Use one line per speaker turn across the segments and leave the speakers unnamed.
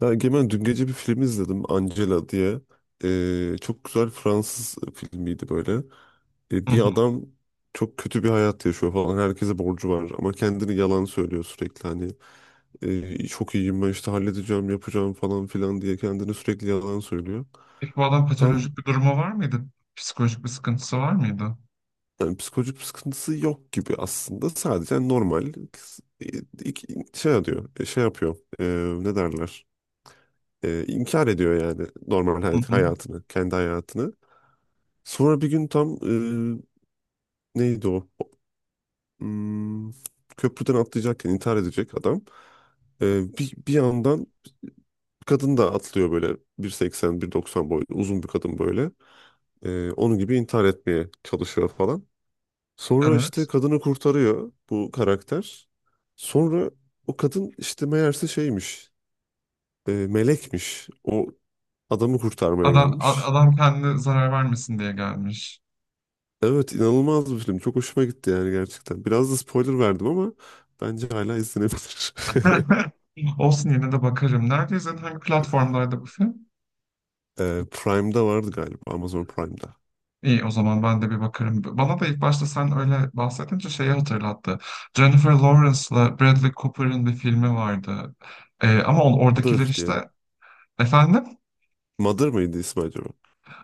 Ya Egemen dün gece bir film izledim Angela diye. Çok güzel Fransız filmiydi böyle. Ee,
Hı
bir
hı.
adam çok kötü bir hayat yaşıyor falan. Herkese borcu var ama kendini yalan söylüyor sürekli. Hani çok iyiyim ben işte halledeceğim yapacağım falan filan diye kendini sürekli yalan söylüyor.
Peki bu adam
Tam
patolojik bir durumu var mıydı? Psikolojik bir sıkıntısı var mıydı?
yani psikolojik bir sıkıntısı yok gibi aslında. Sadece normal e, şey yapıyor, şey yapıyor. Ne derler? E, inkar ediyor yani normal
Hı hı.
hayatını, kendi hayatını. Sonra bir gün tam e, neydi o? Hmm, köprüden atlayacakken intihar edecek adam. Bir yandan kadın da atlıyor böyle bir seksen bir 190 boyunda uzun bir kadın böyle. Onun gibi intihar etmeye çalışıyor falan. Sonra işte
Evet.
kadını kurtarıyor bu karakter. Sonra o kadın işte meğerse şeymiş, melekmiş. O adamı kurtarmaya
Adam, a-
gelmiş.
adam kendine zarar vermesin diye gelmiş.
Evet, inanılmaz bir film. Çok hoşuma gitti yani gerçekten. Biraz da spoiler verdim ama bence hala izlenebilir.
Olsun yine de bakarım. Nerede izledin? Hangi platformlarda bu film?
Prime'da vardı galiba. Amazon Prime'da.
İyi o zaman ben de bir bakarım. Bana da ilk başta sen öyle bahsedince şeyi hatırlattı. Jennifer Lawrence'la Bradley Cooper'ın bir filmi vardı. Ama oradakiler
Mother diye
işte...
mi?
Efendim?
Mother mıydı ismi acaba?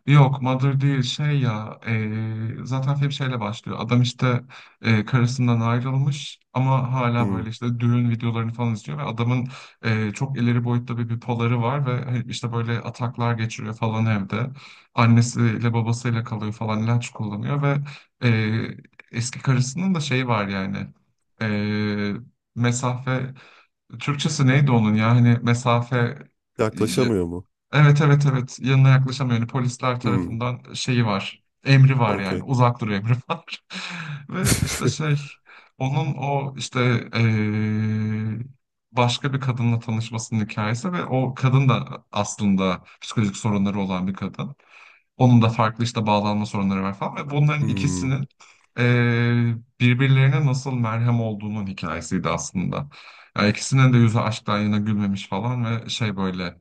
Yok Mother değil şey ya zaten film şeyle başlıyor. Adam işte karısından ayrılmış ama hala
Hmm.
böyle işte düğün videolarını falan izliyor ve adamın çok ileri boyutta bir bipoları var ve hani işte böyle ataklar geçiriyor falan evde. Annesiyle babasıyla kalıyor falan ilaç kullanıyor ve eee, eski karısının da şeyi var yani eee, mesafe Türkçesi neydi onun ya hani mesafe.
Yaklaşamıyor mu?
Evet, evet, evet, yanına yaklaşamıyor. Yani polisler
Hmm.
tarafından şeyi var. Emri var yani
Okey.
uzak dur emri var. Ve işte şey onun o işte eee, başka bir kadınla tanışmasının hikayesi ve o kadın da aslında psikolojik sorunları olan bir kadın. Onun da farklı işte bağlanma sorunları var falan ve bunların
Hmm.
ikisinin birbirlerine nasıl merhem olduğunun hikayesiydi aslında. Yani ikisinin de yüzü aşktan yana gülmemiş falan ve şey böyle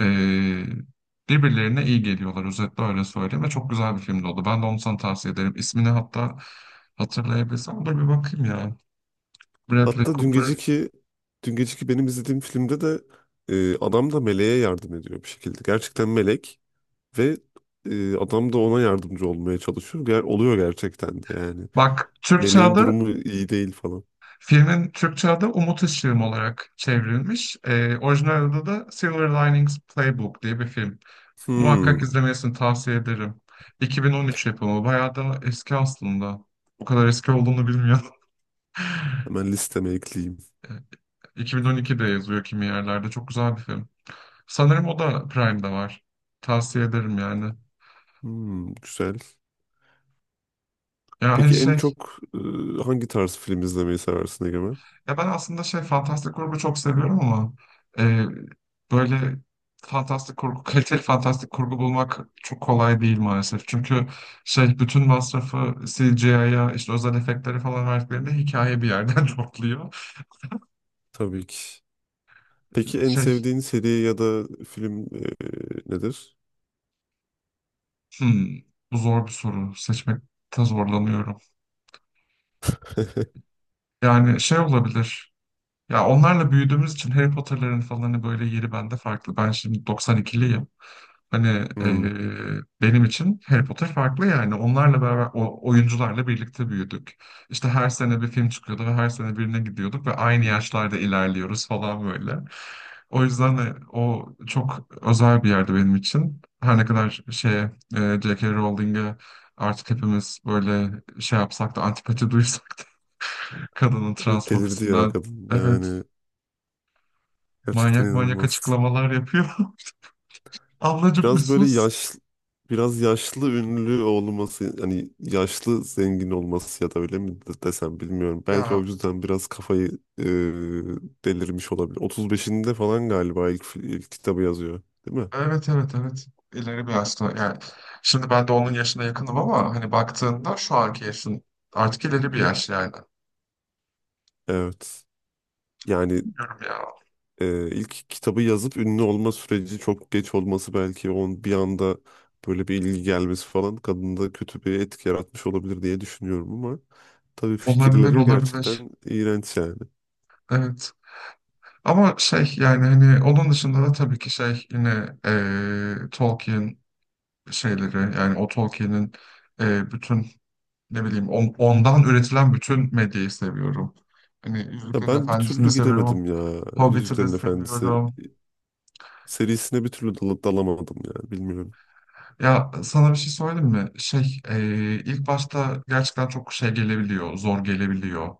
eee, birbirlerine iyi geliyorlar, özetle öyle söyleyeyim ve çok güzel bir filmdi oldu. Ben de onu sana tavsiye ederim. İsmini hatta hatırlayabilirsem dur bir bakayım ya. Bradley
Hatta dün
Cooper.
geceki dün geceki benim izlediğim filmde de adam da meleğe yardım ediyor bir şekilde. Gerçekten melek. Ve adam da ona yardımcı olmaya çalışıyor. Oluyor gerçekten de yani.
Bak, Türkçe
Meleğin
adı
durumu iyi değil falan.
Filmin Türkçe adı Umut Işığım olarak çevrilmiş. Orijinal adı da Silver Linings Playbook diye bir film.
Hmm,
Muhakkak izlemesini tavsiye ederim. 2013 yapımı. Bayağı da eski aslında. O kadar eski olduğunu bilmiyordum.
hemen listeme ekleyeyim.
Ee, 2012'de yazıyor kimi yerlerde. Çok güzel bir film. Sanırım o da Prime'da var. Tavsiye ederim yani.
Hmm, güzel.
Ya hani
Peki en
şey.
çok hangi tarz film izlemeyi seversin Egemen?
Ya ben aslında şey fantastik kurgu çok seviyorum ama e, böyle fantastik kurgu, kaliteli fantastik kurgu bulmak çok kolay değil maalesef. Çünkü şey bütün masrafı CGI'ya işte özel efektleri falan verdiklerinde hikaye bir yerden topluyor.
Tabii ki. Peki en
Şey,
sevdiğin seri ya da film nedir?
hmm, bu zor bir soru. Seçmekte zorlanıyorum. Yani şey olabilir. Ya onlarla büyüdüğümüz için Harry Potter'ların falan hani böyle yeri bende farklı. Ben şimdi 92'liyim. Hani
Hmm.
benim için Harry Potter farklı yani. Onlarla beraber, o oyuncularla birlikte büyüdük. İşte her sene bir film çıkıyordu ve her sene birine gidiyorduk ve aynı yaşlarda ilerliyoruz falan böyle. O yüzden de o çok özel bir yerde benim için. Her ne kadar şeye, J.K. Rowling'e artık hepimiz böyle şey yapsak da antipati duysak da, kadının
Evet, delirdi ya
transfobisinden,
kadın.
evet,
Yani gerçekten
manyak manyak
inanılmaz.
açıklamalar yapıyor. Ablacım bir
Biraz böyle
sus.
yaş biraz yaşlı ünlü olması hani yaşlı zengin olması ya da öyle mi desem bilmiyorum. Belki o
Ya,
yüzden biraz kafayı e, delirmiş olabilir. 35'inde falan galiba ilk kitabı yazıyor, değil mi?
evet, evet, evet. İleri bir yaşta yani şimdi ben de onun yaşına yakınım ama hani baktığında şu anki yaşın artık ileri bir yaş yani.
Evet. Yani
Bilmiyorum ya.
ilk kitabı yazıp ünlü olma süreci çok geç olması belki on bir anda böyle bir ilgi gelmesi falan kadında kötü bir etki yaratmış olabilir diye düşünüyorum ama tabii
Olabilir,
fikirleri
olabilir.
gerçekten iğrenç yani.
Evet. Ama şey yani hani onun dışında da tabii ki şey yine Tolkien şeyleri yani o Tolkien'in bütün ne bileyim ondan üretilen bütün medyayı seviyorum. Hani
Ya
Yüzüklerin
ben bir
Efendisi'ni de
türlü
seviyorum.
giremedim ya
Hobbit'i de
Yüzüklerin Efendisi
seviyorum.
serisine bir türlü dalamadım ya bilmiyorum.
Ya sana bir şey söyleyeyim mi? Şey, ilk başta gerçekten çok şey gelebiliyor, zor gelebiliyor.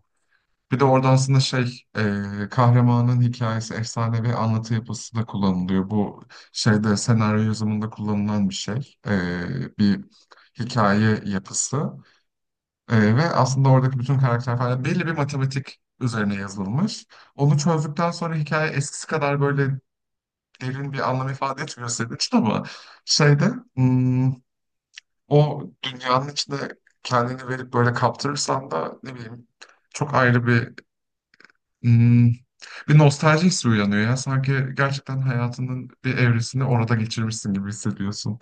Bir de orada aslında şey, kahramanın hikayesi, efsane ve anlatı yapısı da kullanılıyor. Bu şeyde senaryo yazımında kullanılan bir şey, bir hikaye yapısı. Ve aslında oradaki bütün karakter falan belli bir matematik üzerine yazılmış. Onu çözdükten sonra hikaye eskisi kadar böyle derin bir anlam ifade etmiyor senin için ama şeyde. hmm, O dünyanın içinde kendini verip böyle kaptırırsan da ne bileyim çok ayrı bir hmm, bir nostalji hissi uyanıyor ya. Sanki gerçekten hayatının bir evresini orada geçirmişsin gibi hissediyorsun.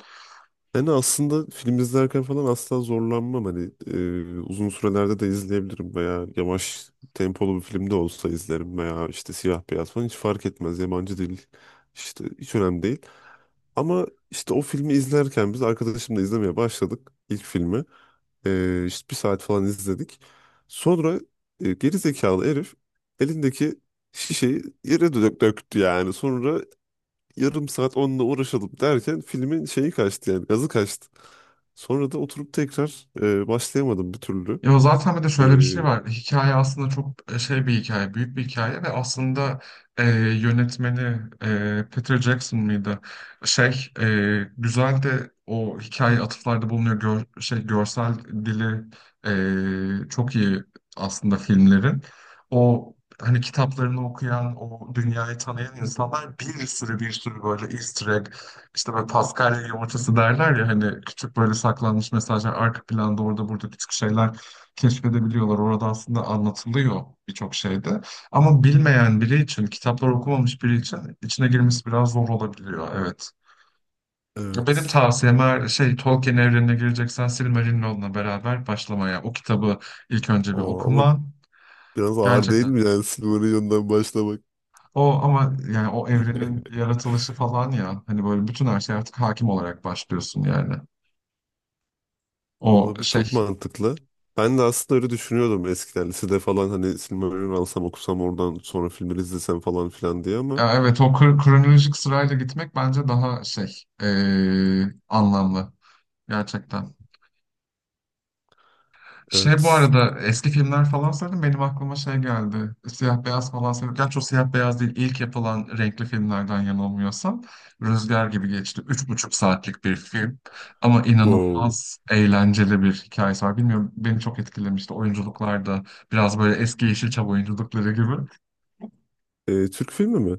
Yani aslında film izlerken falan asla zorlanmam hani uzun sürelerde de izleyebilirim veya yavaş tempolu bir filmde olsa izlerim veya işte siyah beyaz falan hiç fark etmez yabancı değil işte hiç önemli değil. Ama işte o filmi izlerken biz arkadaşımla izlemeye başladık ilk filmi. İşte bir saat falan izledik. Sonra geri zekalı herif elindeki şişeyi yere döktü yani. Sonra yarım saat onunla uğraşalım derken filmin şeyi kaçtı yani gazı kaçtı. Sonra da oturup tekrar başlayamadım bir türlü.
Ya zaten bir de şöyle bir şey
Ee,
var. Hikaye aslında çok şey bir hikaye, büyük bir hikaye ve aslında e, yönetmeni Peter Jackson mıydı? Şey güzel de o hikaye atıflarda bulunuyor. Görsel dili çok iyi aslında filmlerin. O hani kitaplarını okuyan, o dünyayı tanıyan insanlar bir sürü bir sürü böyle Easter egg, işte böyle Paskalya yumurtası derler ya hani küçük böyle saklanmış mesajlar arka planda orada burada küçük şeyler keşfedebiliyorlar. Orada aslında anlatılıyor birçok şeyde. Ama bilmeyen biri için, kitaplar okumamış biri için içine girmesi biraz zor olabiliyor. Evet. Ya, benim
evet.
tavsiyem eğer şey Tolkien evrenine gireceksen Silmarillion'la beraber başlamaya. O kitabı ilk önce bir
Aa, ama
okuman
biraz ağır değil
gerçekten.
mi yani Silmarillion'dan başlamak?
O ama yani o evrenin yaratılışı falan ya hani böyle bütün her şey artık hakim olarak başlıyorsun yani. O
Olabilir.
şey.
Çok mantıklı. Ben de aslında öyle düşünüyordum eskiden. Lisede falan hani Silmarillion alsam okusam oradan sonra filmleri izlesem falan filan diye ama
Ya, evet, o kronolojik sırayla gitmek bence daha şey anlamlı. Gerçekten. Şey, bu
evet.
arada eski filmler falan söyledim benim aklıma şey geldi. Siyah beyaz falan söyledim. Gerçi o siyah beyaz değil, İlk yapılan renkli filmlerden yanılmıyorsam. Rüzgar gibi geçti. 3,5 saatlik bir film. Ama
Wow.
inanılmaz eğlenceli bir hikayesi var. Bilmiyorum beni çok etkilemişti. Oyunculuklar da biraz böyle eski Yeşilçam oyunculukları gibi.
Türk filmi mi?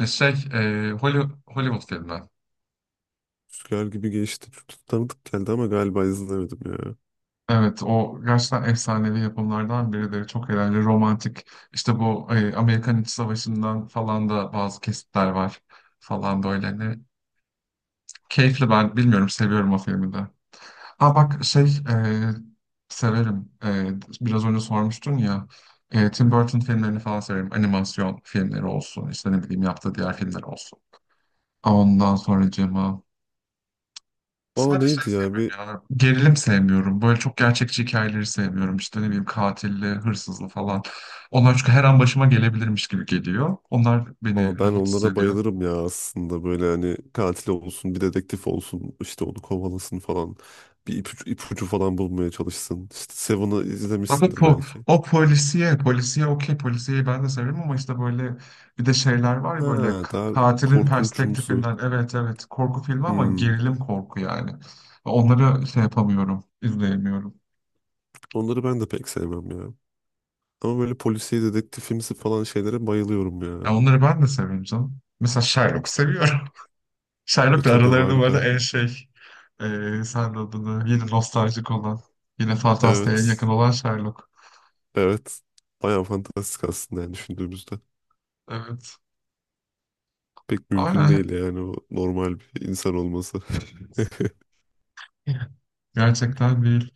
Şey, Hollywood filmi.
Rüzgar gibi geçti. Çok tanıdık geldi ama galiba izlemedim ya.
Evet, o gerçekten efsanevi yapımlardan birileri. Çok eğlenceli, romantik. İşte bu Amerikan İç Savaşı'ndan falan da bazı kesitler var falan böyle. Hani keyifli, ben bilmiyorum, seviyorum o filmi de. Ha bak şey, severim. Biraz önce sormuştun ya, Tim Burton filmlerini falan severim. Animasyon filmleri olsun, işte ne bileyim yaptığı diğer filmler olsun. Ondan sonra Cema.
Aa,
Sadece şey
neydi ya bir...
sevmiyorum ya. Gerilim sevmiyorum. Böyle çok gerçekçi hikayeleri sevmiyorum. İşte ne bileyim katilli, hırsızlı falan. Onlar çünkü her an başıma gelebilirmiş gibi geliyor. Onlar
Aa,
beni
ben
rahatsız
onlara
ediyor.
bayılırım ya aslında. Böyle hani katil olsun, bir dedektif olsun. İşte onu kovalasın falan. Bir ipucu falan bulmaya çalışsın. İşte Seven'ı
Ama
izlemişsindir belki.
o polisiye, polisiye okey, polisiyeyi ben de severim ama işte böyle bir de şeyler var ya böyle
Ha, daha
katilin
korkunçumsu.
perspektifinden, evet, evet, korku filmi ama
Hmm.
gerilim korku yani. Onları şey yapamıyorum, izleyemiyorum.
Onları ben de pek sevmem ya. Ama böyle polisiye dedektifimsi falan şeylere bayılıyorum
Ya
ya.
onları ben de severim canım. Mesela Sherlock
İşte,
seviyorum. Sherlock'la
tabii
aralarında bu arada
harika.
en şey sen de adını, yine nostaljik olan, yine fantastiğe yakın
Evet.
olan Sherlock.
Evet. Bayağı fantastik aslında yani düşündüğümüzde.
Evet.
Pek mümkün
Ama
değil yani o normal bir insan olması.
gerçekten değil.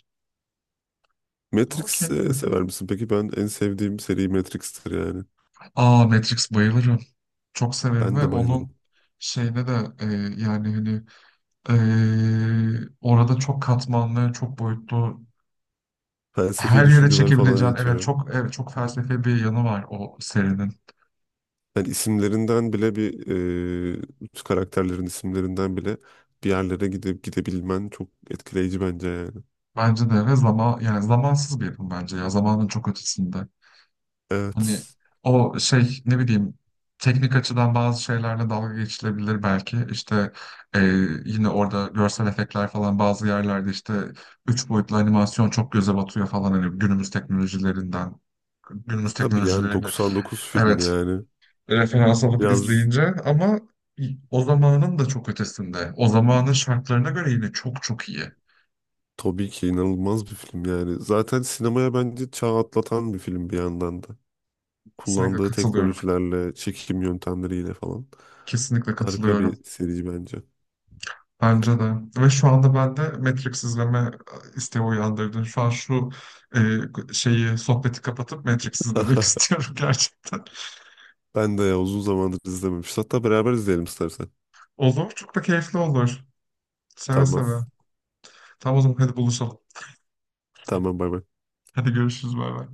Okey.
Matrix sever misin? Peki ben en sevdiğim seri Matrix'tir yani.
Aa, Matrix bayılırım. Çok severim
Ben
ve
de bayılırım.
onun şeyine de yani hani orada çok katmanlı, çok boyutlu
Felsefi
her yere
düşünceler falan
çekebileceğin, evet,
yatıyor.
çok, evet, çok felsefi bir yanı var o serinin.
Yani isimlerinden bile bir e, karakterlerin isimlerinden bile bir yerlere gidip gidebilmen çok etkileyici bence yani.
Bence de ve zaman yani zamansız bir yapım bence ya, zamanın çok ötesinde. Hani
Evet.
o şey ne bileyim teknik açıdan bazı şeylerle dalga geçilebilir belki. İşte e, yine orada görsel efektler falan bazı yerlerde işte üç boyutlu animasyon çok göze batıyor falan hani günümüz teknolojilerinden
E,
günümüz
tabii yani
teknolojilerini,
99 film
evet,
yani.
referans alıp
Biraz.
izleyince ama o zamanın da çok ötesinde. O zamanın şartlarına göre yine çok çok iyi.
Tabii ki inanılmaz bir film yani. Zaten sinemaya bence çağ atlatan bir film bir yandan da.
Kesinlikle
Kullandığı
katılıyorum.
teknolojilerle, çekim yöntemleriyle falan.
Kesinlikle
Harika
katılıyorum.
bir seri bence.
Bence de. Ve şu anda bende Matrix izleme isteği uyandırdı. Şu an şu şeyi, sohbeti kapatıp Matrix izlemek istiyorum gerçekten.
Ben de ya uzun zamandır izlememiş. Hatta beraber izleyelim istersen.
Olur. Çok da keyifli olur. Seve
Tamam.
seve. Tamam o zaman hadi buluşalım.
Tamam bay bay.
Hadi görüşürüz. Bay bay.